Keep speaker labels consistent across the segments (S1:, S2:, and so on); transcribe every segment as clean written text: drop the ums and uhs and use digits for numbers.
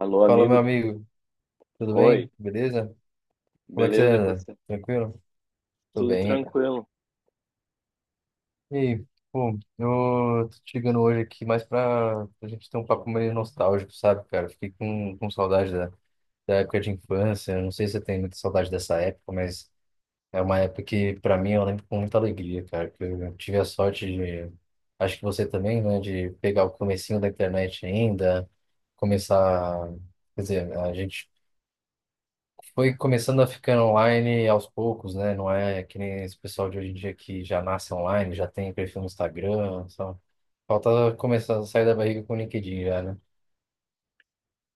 S1: Alô,
S2: Fala, meu
S1: amigo.
S2: amigo. Tudo
S1: Oi,
S2: bem? Beleza? Como é que você
S1: beleza? E
S2: anda?
S1: você?
S2: Tranquilo? Tô
S1: Tudo
S2: bem, cara.
S1: tranquilo.
S2: E aí, pô, eu tô te ligando hoje aqui mais pra gente ter um papo meio nostálgico, sabe, cara? Fiquei com saudade da época de infância. Não sei se você tem muita saudade dessa época, mas é uma época que, pra mim, eu lembro com muita alegria, cara. Que eu tive a sorte de, acho que você também, né, de pegar o comecinho da internet ainda, começar. Quer dizer, a gente foi começando a ficar online aos poucos, né? Não é que nem esse pessoal de hoje em dia que já nasce online, já tem perfil no Instagram, só. Falta começar a sair da barriga com o LinkedIn já, né?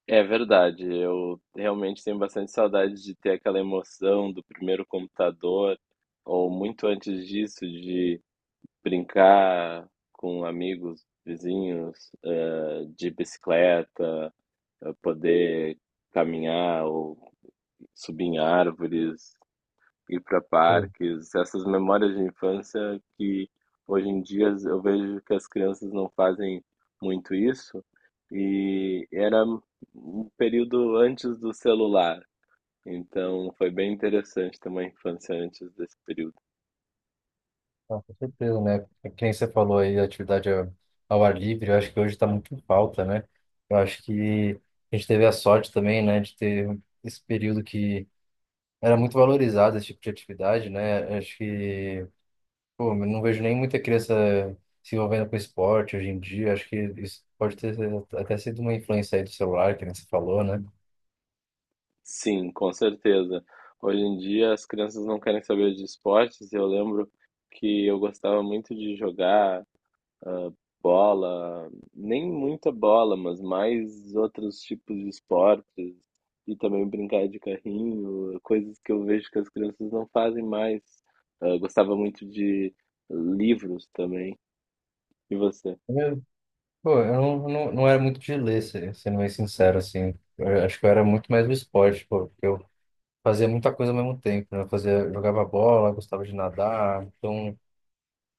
S1: É verdade, eu realmente tenho bastante saudade de ter aquela emoção do primeiro computador, ou muito antes disso, de brincar com amigos, vizinhos, de bicicleta, poder caminhar ou subir em árvores. Ir para
S2: Pô,
S1: parques, essas memórias de infância que hoje em dia eu vejo que as crianças não fazem muito isso. E era um período antes do celular, então foi bem interessante ter uma infância antes desse período.
S2: tá, com certeza, né? É que nem você falou aí, atividade ao ar livre, eu acho que hoje está muito em falta, né? Eu acho que a gente teve a sorte também, né, de ter esse período que era muito valorizado esse tipo de atividade, né? Eu Acho que Pô, eu não vejo nem muita criança se envolvendo com esporte hoje em dia. Acho que isso pode ter até sido uma influência aí do celular, que nem você falou, né?
S1: Sim, com certeza. Hoje em dia as crianças não querem saber de esportes. Eu lembro que eu gostava muito de jogar ah, bola, nem muita bola, mas mais outros tipos de esportes e também brincar de carrinho, coisas que eu vejo que as crianças não fazem mais. Ah, gostava muito de livros também. E você?
S2: Eu, pô, eu não era muito de ler, sendo bem sincero, assim. Eu acho que eu era muito mais do esporte, pô, porque eu fazia muita coisa ao mesmo tempo, né? Eu fazia, jogava bola, gostava de nadar, então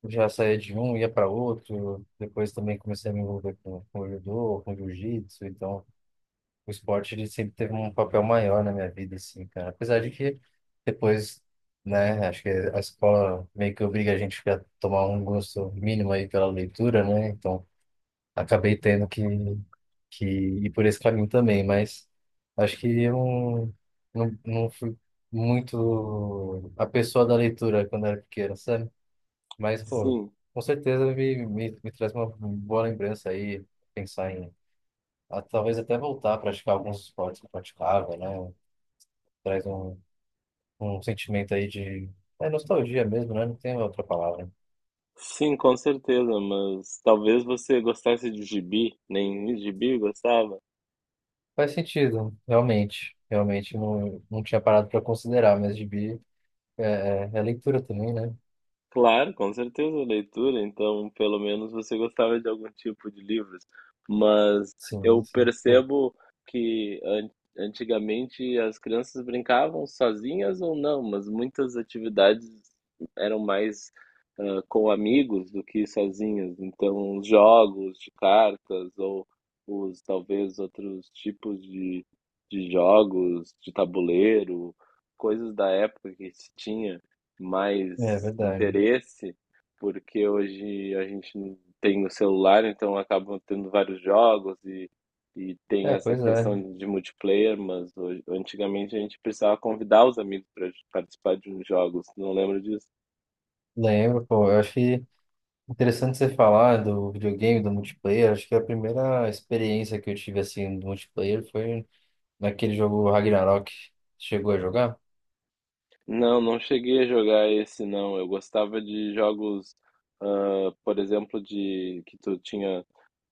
S2: eu já saía de um, ia para outro. Depois também comecei a me envolver com judô, com jiu-jitsu, então. O esporte ele sempre teve um papel maior na minha vida, assim, cara. Apesar de que depois, né, acho que a escola meio que obriga a gente a tomar um gosto mínimo aí pela leitura, né? Então, acabei tendo que ir por esse caminho também, mas acho que eu não fui muito a pessoa da leitura quando era pequeno, sabe? Mas, pô,
S1: Sim,
S2: com certeza me traz uma boa lembrança aí, pensar em talvez até voltar a praticar alguns esportes que praticava, né? Traz um sentimento aí de nostalgia mesmo, né? Não tem outra palavra.
S1: sim, com certeza, mas talvez você gostasse de gibi, nem gibi gostava.
S2: Faz sentido, realmente. Realmente não tinha parado para considerar, mas gibi é leitura também, né?
S1: Claro, com certeza, leitura. Então, pelo menos você gostava de algum tipo de livros. Mas
S2: Sim,
S1: eu
S2: sim. Pô,
S1: percebo que an- antigamente as crianças brincavam sozinhas ou não, mas muitas atividades eram mais com amigos do que sozinhas. Então, os jogos de cartas ou os talvez outros tipos de jogos de tabuleiro, coisas da época que se tinha
S2: é
S1: mais
S2: verdade.
S1: interesse, porque hoje a gente não tem no celular, então acabam tendo vários jogos e tem
S2: É,
S1: essa
S2: pois é.
S1: questão de multiplayer, mas hoje, antigamente a gente precisava convidar os amigos para participar de uns jogos, não lembro disso.
S2: Lembro, pô. Eu acho que interessante você falar do videogame, do multiplayer. Acho que a primeira experiência que eu tive assim do multiplayer foi naquele jogo Ragnarok. Chegou a jogar?
S1: Não, não cheguei a jogar esse não. Eu gostava de jogos, por exemplo, de que tu tinha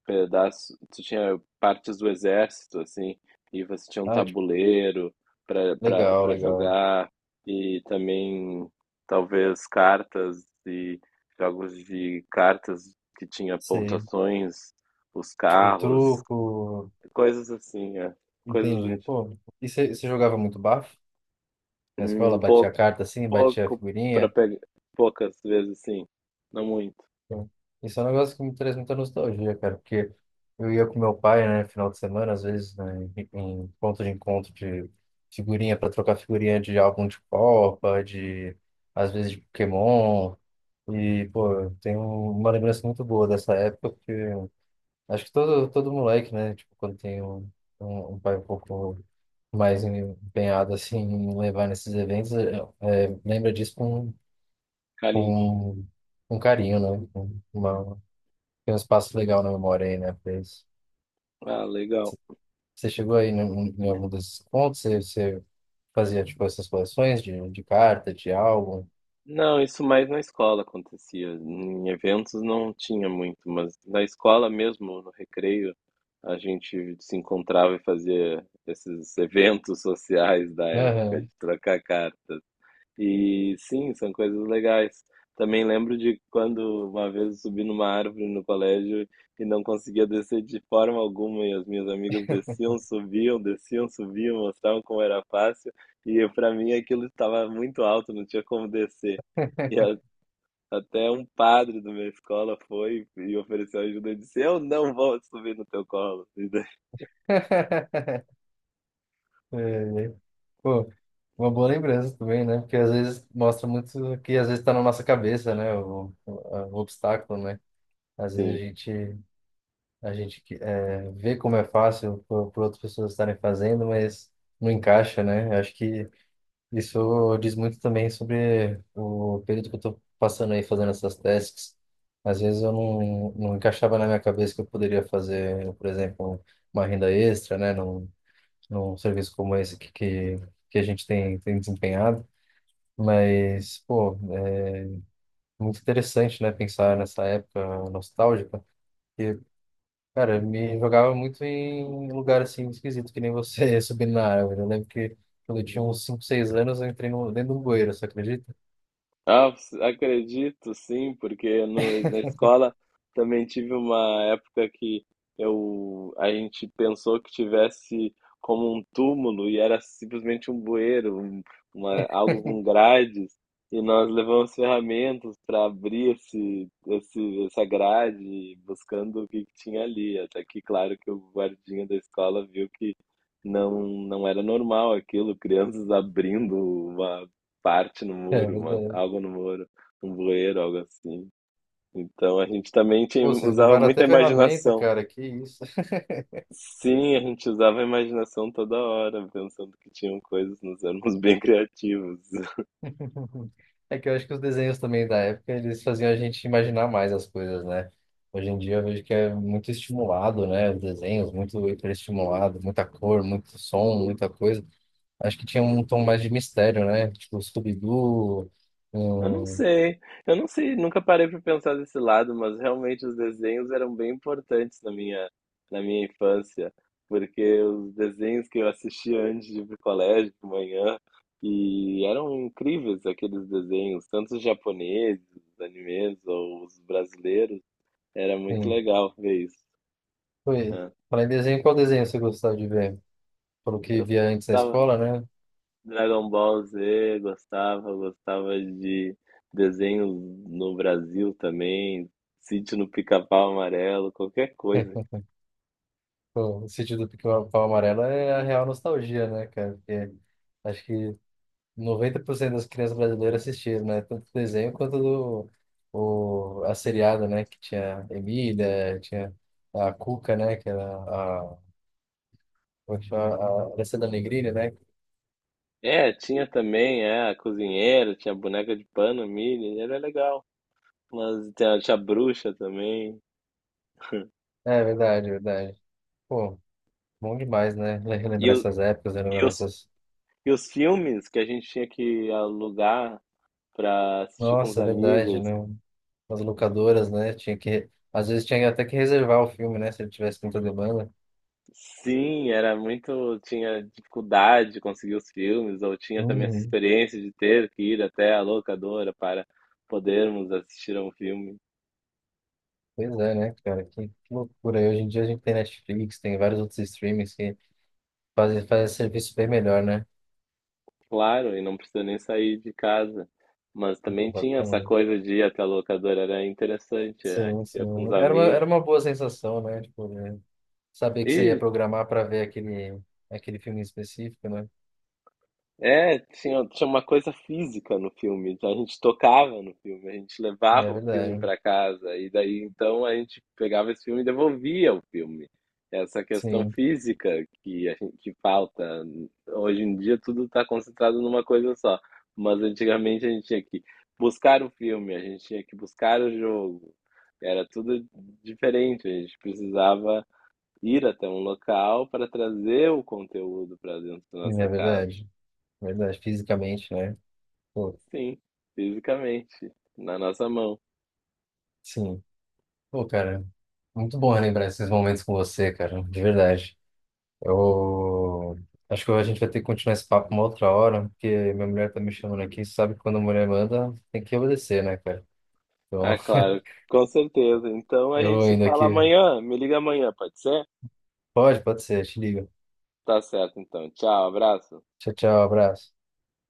S1: pedaço, tu tinha partes do exército, assim, e você tinha um
S2: Ah,
S1: tabuleiro para para
S2: legal,
S1: para
S2: legal.
S1: jogar e também talvez cartas e jogos de cartas que tinha
S2: Sei.
S1: pontuações, os
S2: Tipo,
S1: carros,
S2: truco.
S1: coisas assim, é. Coisas
S2: Entendi.
S1: anti-
S2: Pô, e você jogava muito bafo na escola?
S1: hum,
S2: Batia a
S1: pouco
S2: carta assim, batia a
S1: pouco para
S2: figurinha?
S1: pegar, poucas vezes sim, não muito.
S2: Pô, isso é um negócio que me traz muita nostalgia, cara, porque eu ia com meu pai, né, final de semana, às vezes, né, em ponto de encontro de figurinha, para trocar figurinha de álbum de Copa, de, às vezes, de Pokémon. E, pô, eu tenho uma lembrança muito boa dessa época. Acho que todo moleque, né? Tipo, quando tem um pai um pouco mais empenhado, assim, em levar nesses eventos, lembra disso
S1: Carinho.
S2: com, com carinho, né? Tem um espaço legal na memória aí, né? Pra isso.
S1: Ah, legal.
S2: Você chegou aí em algum desses pontos? Você fazia, tipo, essas coleções de carta, de álbum?
S1: Não, isso mais na escola acontecia. Em eventos não tinha muito, mas na escola mesmo, no recreio, a gente se encontrava e fazia esses eventos sociais da época, de
S2: Aham.
S1: trocar cartas. E sim, são coisas legais. Também lembro de quando uma vez eu subi numa árvore no colégio e não conseguia descer de forma alguma, e as minhas amigas desciam, subiam, mostravam como era fácil, e para mim aquilo estava muito alto, não tinha como descer. E a- até um padre da minha escola foi e ofereceu ajuda e disse: Eu não vou subir no teu colo. E daí,
S2: É, é. Pô, uma boa lembrança também, né? Porque às vezes mostra muito que às vezes está na nossa cabeça, né? O obstáculo, né? Às vezes a
S1: sim,
S2: gente, a gente que- é, vê como é fácil para outras pessoas estarem fazendo, mas não encaixa, né? Acho que isso diz muito também sobre o período que eu estou passando aí fazendo essas tasks. Às vezes eu não encaixava na minha cabeça que eu poderia fazer, por exemplo, uma renda extra, né? num serviço como esse que a gente tem desempenhado. Mas, pô, é muito interessante, né, pensar nessa época nostálgica. E, cara, me jogava muito em lugar, assim, esquisito, que nem você, subindo na árvore. Eu lembro que quando eu tinha uns 5 6 anos, eu entrei no, dentro de um bueiro, você acredita?
S1: Acredito sim, porque no, na escola também tive uma época que a gente pensou que tivesse como um túmulo e era simplesmente um bueiro, uma, algo com grades, e nós levamos ferramentas para abrir essa grade, buscando o que que tinha ali. Até que, claro, que o guardinha da escola viu que não, não era normal aquilo, crianças abrindo uma parte no
S2: É
S1: muro,
S2: verdade.
S1: algo no muro, um bueiro, algo assim. Então a gente também
S2: Pô,
S1: tinha,
S2: vocês
S1: usava
S2: levaram até
S1: muita
S2: ferramenta,
S1: imaginação.
S2: cara, que isso.
S1: Sim, a gente usava a imaginação toda hora, pensando que tinham coisas, nós éramos bem criativos.
S2: Uhum. É que eu acho que os desenhos também da época, eles faziam a gente imaginar mais as coisas, né? Hoje em dia eu vejo que é muito estimulado, né? Os desenhos, muito hiperestimulado, muita cor, muito som, muita coisa. Acho que tinha um tom mais de mistério, né? Tipo Scooby-Doo,
S1: Eu não
S2: hum,
S1: sei, eu não sei, nunca parei para pensar desse lado, mas realmente os desenhos eram bem importantes na minha infância, porque os desenhos que eu assistia antes de ir pro colégio, de manhã, e eram incríveis aqueles desenhos, tanto os japoneses, os animes ou os brasileiros, era muito
S2: enfim.
S1: legal ver isso.
S2: Foi.
S1: Né?
S2: Falar em desenho, qual desenho você gostava de ver? Pelo
S1: Eu
S2: que via antes na
S1: gostava
S2: escola, né?
S1: Dragon Ball Z, gostava de desenhos no Brasil também, Sítio no Pica-Pau Amarelo, qualquer coisa.
S2: Pô, o sítio do Pica-Pau Amarelo é a real nostalgia, né, cara? Porque acho que 90% das crianças brasileiras assistiram, né? Tanto o desenho quanto a seriada, né? Que tinha Emília, tinha a Cuca, né? Que era a, como é que chama? A Alessandra Negrini, né?
S1: É, tinha também, é, a cozinheira, tinha a boneca de pano, Millie, era legal. Mas tinha a bruxa também.
S2: É verdade, verdade. Pô, bom demais, né?
S1: E,
S2: Relembrar
S1: o-
S2: essas épocas,
S1: e
S2: relembrar
S1: os,
S2: essas.
S1: e os filmes que a gente tinha que alugar pra assistir com os
S2: Nossa, é verdade,
S1: amigos.
S2: né? As locadoras, né? Às vezes tinha até que reservar o filme, né? Se ele tivesse muita demanda.
S1: Sim, era muito. Tinha dificuldade de conseguir os filmes, ou tinha também essa
S2: Uhum.
S1: experiência de ter que ir até a locadora para podermos assistir a um filme.
S2: Pois é, né, cara? Que loucura. E hoje em dia a gente tem Netflix, tem vários outros streamings que fazer serviço bem melhor, né?
S1: Claro, e não precisa nem sair de casa. Mas também tinha essa
S2: Então,
S1: coisa de ir até a locadora, era interessante, é,
S2: sim, sim.
S1: tinha com os
S2: Era uma,
S1: amigos.
S2: era uma boa sensação, né? Tipo, né? Saber que você ia programar para ver aquele filme específico, né?
S1: É, tinha uma coisa física no filme, então a gente tocava no filme, a gente
S2: É
S1: levava o filme
S2: verdade.
S1: para casa, e daí então a gente pegava esse filme e devolvia o filme. Essa questão
S2: Sim,
S1: física que a gente que falta. Hoje em dia tudo está concentrado numa coisa só, mas antigamente a gente tinha que buscar o filme, a gente tinha que buscar o jogo, era tudo diferente, a gente precisava ir até um local para trazer o conteúdo para dentro da
S2: é
S1: nossa casa.
S2: verdade. É verdade, fisicamente, né? Pô,
S1: Sim, fisicamente, na nossa mão.
S2: sim. Pô, cara, muito bom lembrar esses momentos com você, cara, de verdade. Eu acho que a gente vai ter que continuar esse papo uma outra hora, porque minha mulher tá me chamando aqui, sabe que quando a mulher manda, tem que obedecer, né, cara? Então,
S1: Ah, claro, com certeza. Então a gente
S2: eu
S1: se
S2: indo
S1: fala
S2: aqui.
S1: amanhã. Me liga amanhã, pode ser?
S2: Pode ser. Te ligo.
S1: Tá certo, então. Tchau, abraço.
S2: Tchau, tchau. Abraço.